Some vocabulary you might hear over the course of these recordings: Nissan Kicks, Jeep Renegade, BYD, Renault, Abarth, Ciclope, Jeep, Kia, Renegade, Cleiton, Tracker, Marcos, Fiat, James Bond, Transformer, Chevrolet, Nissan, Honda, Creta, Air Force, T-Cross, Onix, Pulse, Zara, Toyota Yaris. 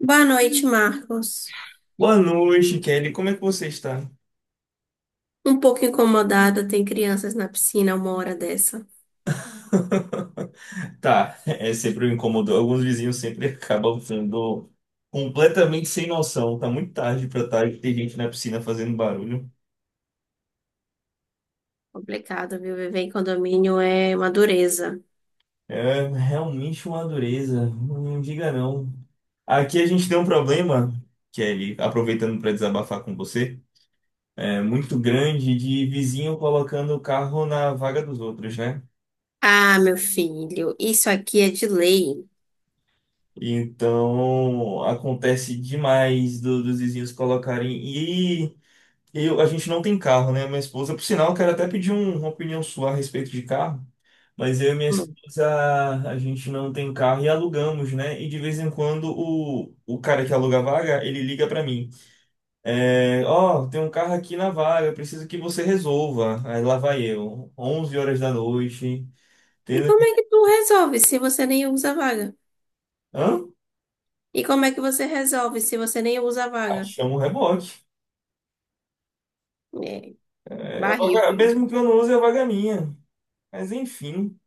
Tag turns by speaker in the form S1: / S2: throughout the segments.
S1: Boa noite, Marcos.
S2: Boa noite, Kelly. Como é que você está?
S1: Um pouco incomodada, tem crianças na piscina uma hora dessa.
S2: Tá, é sempre me incomodou. Alguns vizinhos sempre acabam sendo completamente sem noção. Tá muito tarde pra tarde, tem gente na piscina fazendo barulho.
S1: Complicado, viu? Viver em condomínio é uma dureza.
S2: É realmente uma dureza. Não diga não. Aqui a gente tem um problema, Kelly, aproveitando para desabafar com você, é muito grande de vizinho colocando o carro na vaga dos outros, né?
S1: Ah, meu filho, isso aqui é de lei.
S2: Então acontece demais dos vizinhos colocarem. A gente não tem carro, né? Minha esposa, por sinal, eu quero até pedir uma opinião sua a respeito de carro, mas eu e minha
S1: Hum.
S2: esposa, a gente não tem carro e alugamos, né? E de vez em quando o cara que aluga a vaga, ele liga pra mim. É, ó, tem um carro aqui na vaga, preciso que você resolva. Aí lá vai eu, 11 horas da noite,
S1: E
S2: tendo...
S1: como é que tu resolve se você nem usa a vaga?
S2: Hã?
S1: E como é que você resolve se você nem usa a
S2: Ah,
S1: vaga?
S2: chama o reboque.
S1: É,
S2: É,
S1: barril, viu?
S2: mesmo que eu não use, a vaga é minha. Mas enfim.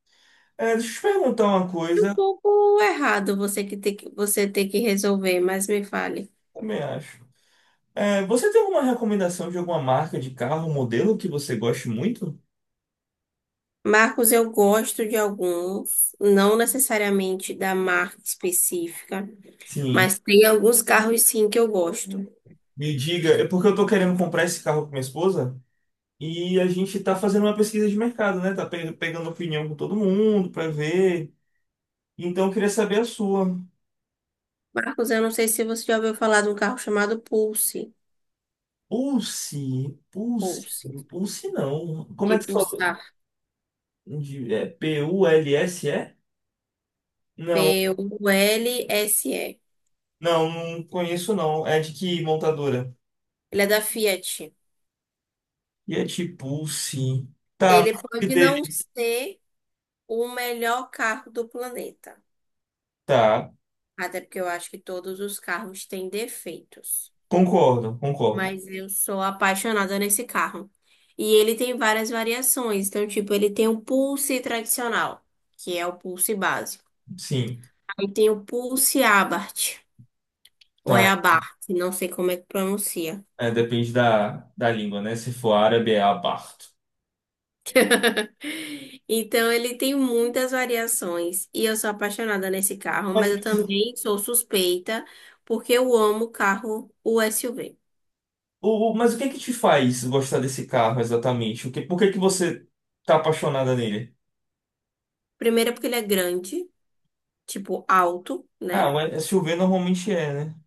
S2: É, deixa eu te perguntar uma
S1: É um
S2: coisa,
S1: pouco errado você ter que resolver, mas me fale.
S2: também acho. É, você tem alguma recomendação de alguma marca de carro, modelo que você goste muito?
S1: Marcos, eu gosto de alguns, não necessariamente da marca específica.
S2: Sim,
S1: Mas tem alguns carros sim que eu gosto.
S2: me diga, é porque eu tô querendo comprar esse carro com minha esposa e a gente tá fazendo uma pesquisa de mercado, né? Tá pegando opinião com todo mundo pra ver. Então eu queria saber a sua.
S1: Marcos, eu não sei se você já ouviu falar de um carro chamado Pulse.
S2: Pulse, Pulse,
S1: Pulse.
S2: Pulse não. Como é
S1: De
S2: que fala?
S1: Pulsar.
S2: É Pulse? Não,
S1: P-U-L-S-E.
S2: não, não conheço não. É de que montadora?
S1: Ele é da Fiat.
S2: E é de Pulse. Tá, me
S1: Ele
S2: fale
S1: pode não
S2: dele.
S1: ser o melhor carro do planeta.
S2: Tá.
S1: Até porque eu acho que todos os carros têm defeitos.
S2: Concordo, concordo.
S1: Mas eu sou apaixonada nesse carro. E ele tem várias variações. Então, tipo, ele tem o Pulse tradicional, que é o Pulse básico.
S2: Sim,
S1: Aí tem o Pulse Abarth. Ou é
S2: tá.
S1: abarque, não sei como é que pronuncia.
S2: É, depende da língua, né? Se for árabe, é abarto.
S1: Então, ele tem muitas variações. E eu sou apaixonada nesse carro,
S2: Mas,
S1: mas eu
S2: mas
S1: também sou suspeita, porque eu amo carro, o SUV.
S2: mas o que é que te faz gostar desse carro exatamente? Por que que você tá apaixonada nele?
S1: Primeiro, porque ele é grande, tipo alto,
S2: Ah,
S1: né?
S2: o SUV normalmente é, né?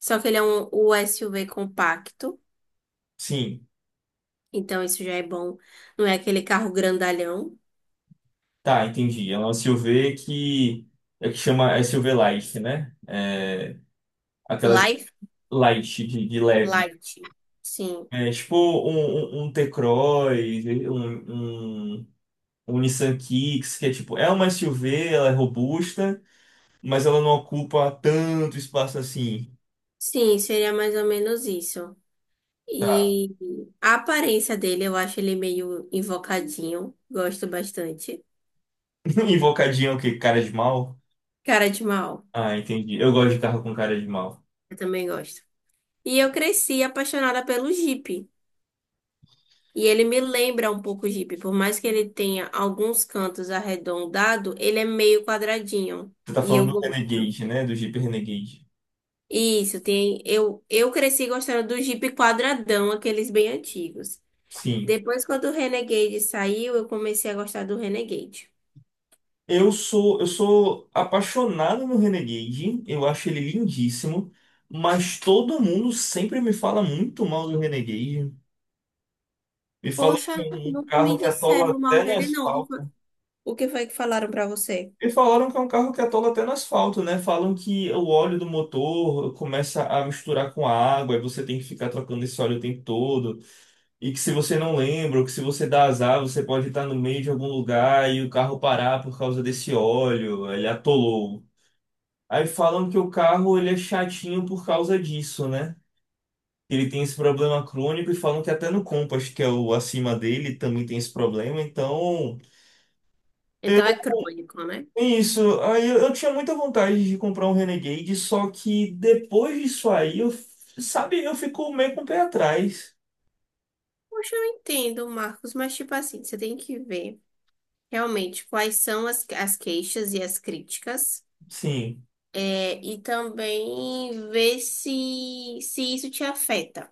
S1: Só que ele é o SUV compacto,
S2: Sim,
S1: então isso já é bom. Não é aquele carro grandalhão.
S2: tá, entendi. É um SUV é que chama SUV Light, né? É, aquelas
S1: Life,
S2: light de leve.
S1: light. Sim.
S2: É tipo um T-Cross, um, um o Nissan Kicks, que é tipo, é uma SUV, ela é robusta, mas ela não ocupa tanto espaço assim.
S1: Sim, seria mais ou menos isso. E a aparência dele, eu acho ele meio invocadinho. Gosto bastante.
S2: Invocadinha é o quê? Cara de mal?
S1: Cara de mal,
S2: Ah, entendi. Eu gosto de carro com cara de mal.
S1: eu também gosto. E eu cresci apaixonada pelo Jeep. E ele me lembra um pouco o Jeep. Por mais que ele tenha alguns cantos arredondados, ele é meio quadradinho.
S2: Você tá
S1: E eu
S2: falando do
S1: gosto.
S2: Renegade, né? Do Jeep Renegade.
S1: Isso, tem. Eu cresci gostando do Jeep quadradão, aqueles bem antigos.
S2: Sim.
S1: Depois, quando o Renegade saiu, eu comecei a gostar do Renegade.
S2: Eu sou apaixonado no Renegade, eu acho ele lindíssimo, mas todo mundo sempre me fala muito mal do Renegade. Me fala
S1: Poxa,
S2: que é um
S1: nunca me
S2: carro que atola
S1: disseram mal
S2: até no
S1: dele, não.
S2: asfalto.
S1: O que foi que falaram pra você?
S2: E falaram que é um carro que atola até no asfalto, né? Falam que o óleo do motor começa a misturar com a água e você tem que ficar trocando esse óleo o tempo todo. E que se você não lembra, ou que se você dá azar, você pode estar no meio de algum lugar e o carro parar por causa desse óleo. Ele atolou. Aí falam que o carro ele é chatinho por causa disso, né? Ele tem esse problema crônico e falam que até no Compass, que é o acima dele, também tem esse problema. Então, eu
S1: Então é crônico, né?
S2: isso, aí eu tinha muita vontade de comprar um Renegade, só que depois disso aí, sabe, eu fico meio com o pé atrás.
S1: Poxa, eu entendo, Marcos, mas tipo assim, você tem que ver realmente quais são as queixas e as críticas,
S2: Sim,
S1: é, e também ver se, se isso te afeta.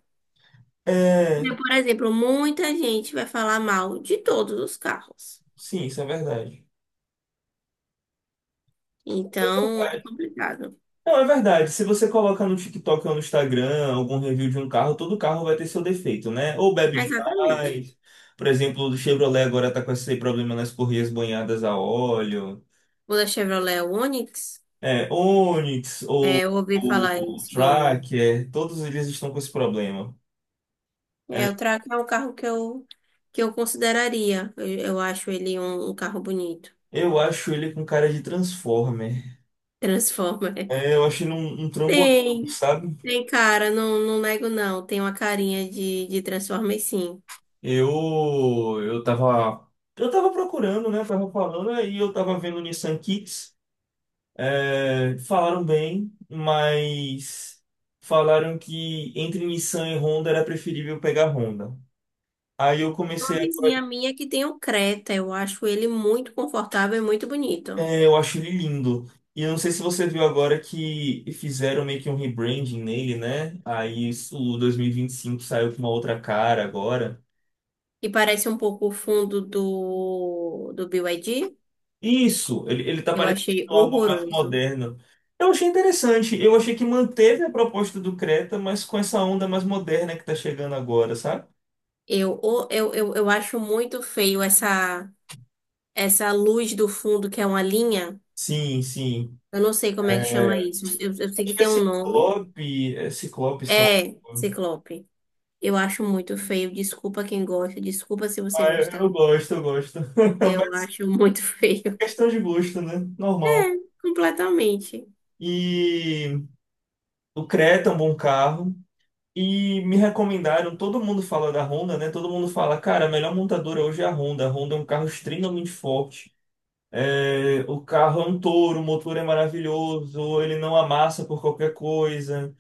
S2: é,
S1: Porque, por exemplo, muita gente vai falar mal de todos os carros.
S2: sim, isso é verdade. É
S1: Então é
S2: verdade.
S1: complicado.
S2: Não, é verdade. Se você coloca no TikTok ou no Instagram algum review de um carro, todo carro vai ter seu defeito, né? Ou bebe
S1: Exatamente.
S2: demais. Por exemplo, o do Chevrolet agora tá com esse problema nas correias banhadas a óleo.
S1: O da Chevrolet o Onix,
S2: É, Onix
S1: é,
S2: ou
S1: eu ouvi falar
S2: o
S1: isso do Onix.
S2: Tracker, todos eles estão com esse problema.
S1: É,
S2: É,
S1: o Tracker é um carro que eu consideraria. Eu acho ele um carro bonito.
S2: eu acho ele com cara de Transformer.
S1: Transformer.
S2: É, eu acho ele um trambolhão,
S1: Tem,
S2: sabe?
S1: tem cara, não nego não. Tem uma carinha de Transformer, sim.
S2: Eu, eu tava, eu tava procurando, né? Tava falando, aí eu tava vendo Nissan Kicks. É, falaram bem, mas falaram que entre Nissan e Honda era preferível pegar Honda. Aí eu
S1: Uma
S2: comecei a,
S1: vizinha minha que tem um Creta, eu acho ele muito confortável e muito bonito.
S2: é, eu acho ele lindo. E eu não sei se você viu agora que fizeram meio que um rebranding nele, né? O 2025 saiu com uma outra cara agora.
S1: E parece um pouco o fundo do BYD.
S2: Isso, ele tá
S1: Eu
S2: parecendo
S1: achei
S2: algo mais
S1: horroroso.
S2: moderno. Eu achei interessante. Eu achei que manteve a proposta do Creta, mas com essa onda mais moderna que tá chegando agora, sabe?
S1: Eu, eu acho muito feio essa luz do fundo, que é uma linha.
S2: Sim, sim.
S1: Eu não sei como é que chama
S2: É,
S1: isso. Eu sei que
S2: acho que é
S1: tem um nome.
S2: Ciclope. É Ciclope, se eu
S1: É,
S2: não me engano.
S1: ciclope. Eu acho muito feio. Desculpa quem gosta. Desculpa se você
S2: Ah, eu,
S1: gostar.
S2: eu gosto, eu gosto.
S1: Eu
S2: Mas
S1: acho muito
S2: é
S1: feio.
S2: questão de gosto, né? Normal.
S1: É, completamente.
S2: E o Creta é um bom carro. E me recomendaram, todo mundo fala da Honda, né? Todo mundo fala, cara, a melhor montadora hoje é a Honda. A Honda é um carro extremamente forte. É, o carro é um touro, o motor é maravilhoso, ele não amassa por qualquer coisa.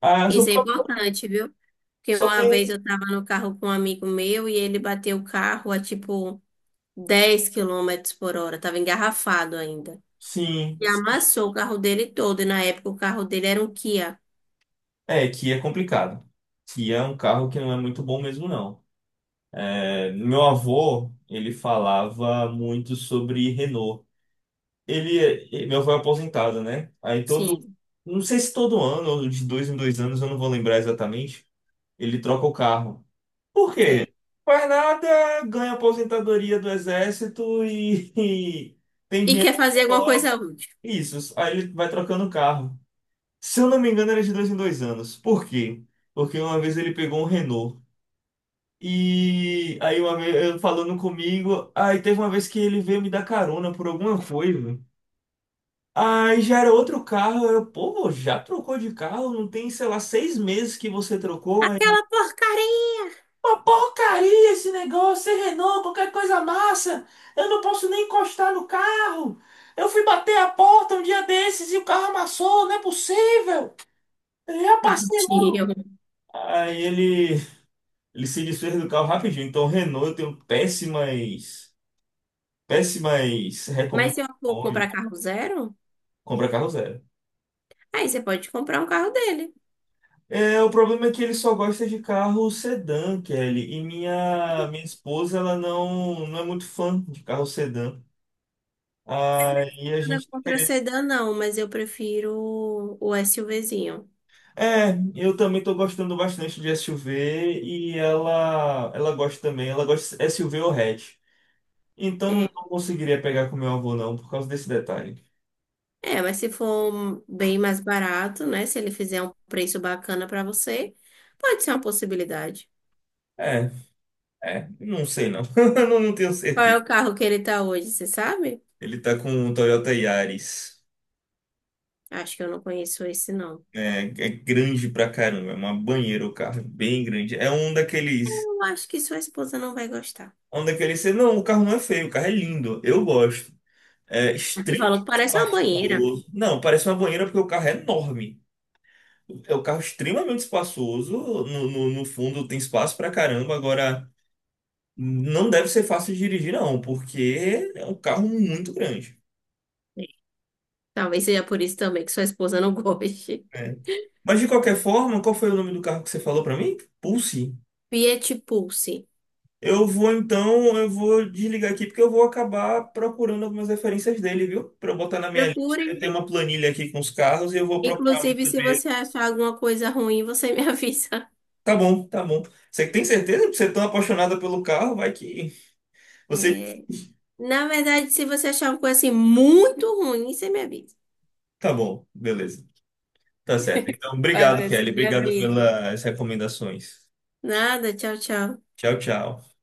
S2: Ah, só,
S1: Isso é importante, viu? Porque
S2: só
S1: uma
S2: tem.
S1: vez eu tava no carro com um amigo meu e ele bateu o carro a tipo 10 km/h. Tava engarrafado ainda.
S2: Sim,
S1: E
S2: sim.
S1: amassou o carro dele todo. E na época o carro dele era um Kia.
S2: É, Kia é complicado. Kia é um carro que não é muito bom mesmo, não. É, meu avô, ele falava muito sobre Renault. Ele, Meu avô é aposentado, né? Aí todo.
S1: Sim,
S2: Não sei se todo ano, ou de dois em dois anos, eu não vou lembrar exatamente. Ele troca o carro. Por quê?
S1: sério.
S2: Faz nada, ganha aposentadoria do exército e
S1: E quer fazer alguma
S2: cobre
S1: coisa útil.
S2: isso. Aí ele vai trocando carro. Se eu não me engano, era de dois em dois anos. Por quê? Porque uma vez ele pegou um Renault. E aí uma vez eu falando comigo, aí teve uma vez que ele veio me dar carona por alguma coisa. Aí já era outro carro, eu, pô, já trocou de carro? Não tem, sei lá, seis meses que você trocou? Aí.
S1: Aquela porcaria!
S2: Uma porcaria esse negócio, é Renault, qualquer coisa massa. Eu não posso nem encostar no carro. Eu fui bater a porta um dia desses e o carro amassou, não é possível. Eu já passei
S1: Tadinho.
S2: logo. Aí ele se desfez do carro rapidinho. Então, Renault, eu tenho péssimas, péssimas
S1: Mas se eu for
S2: recomendações.
S1: comprar carro zero,
S2: Compra carro zero.
S1: aí você pode comprar um carro dele.
S2: É, o problema é que ele só gosta de carro sedã, Kelly. E minha esposa, ela não é muito fã de carro sedã. Aí a
S1: Nada
S2: gente.
S1: contra sedã, não, mas eu prefiro o SUVzinho.
S2: É, eu também tô gostando bastante de SUV e ela gosta também, ela gosta de SUV ou hatch. Então não,
S1: É,
S2: não conseguiria pegar com meu avô não, por causa desse detalhe.
S1: é, mas se for um bem mais barato, né? Se ele fizer um preço bacana pra você, pode ser uma possibilidade.
S2: É, é, não sei não, não tenho
S1: Qual é
S2: certeza.
S1: o carro que ele tá hoje, você sabe?
S2: Ele tá com um Toyota Yaris,
S1: Acho que eu não conheço esse, não.
S2: é, é grande pra caramba, é uma banheira o carro, é bem grande. É um daqueles,
S1: Eu acho que sua esposa não vai gostar.
S2: é um daqueles, não, o carro não é feio, o carro é lindo, eu gosto. É
S1: Você
S2: extremamente
S1: falou que parece uma banheira.
S2: espaçoso. Não, parece uma banheira porque o carro é enorme. É um carro extremamente espaçoso. No fundo tem espaço pra caramba. Agora, não deve ser fácil de dirigir, não, porque é um carro muito grande.
S1: Talvez seja por isso também que sua esposa não goste.
S2: Né? Mas de qualquer forma, qual foi o nome do carro que você falou pra mim? Pulse.
S1: Fiat Pulse.
S2: Eu vou então, eu vou desligar aqui porque eu vou acabar procurando algumas referências dele, viu? Pra eu botar na minha lista.
S1: Procure.
S2: Eu tenho uma planilha aqui com os carros e eu vou procurar muito
S1: Inclusive, se
S2: sobre ele.
S1: você achar alguma coisa ruim, você me avisa.
S2: Tá bom, tá bom. Você tem certeza que você é tão apaixonada pelo carro? Vai que você.
S1: É, na verdade, se você achar uma coisa assim muito ruim, você me avisa.
S2: Tá bom, beleza. Tá certo. Então,
S1: Vai,
S2: obrigado,
S1: Cleiton,
S2: Kelly.
S1: me
S2: Obrigado
S1: avisa.
S2: pelas recomendações.
S1: Nada, tchau, tchau.
S2: Tchau, tchau.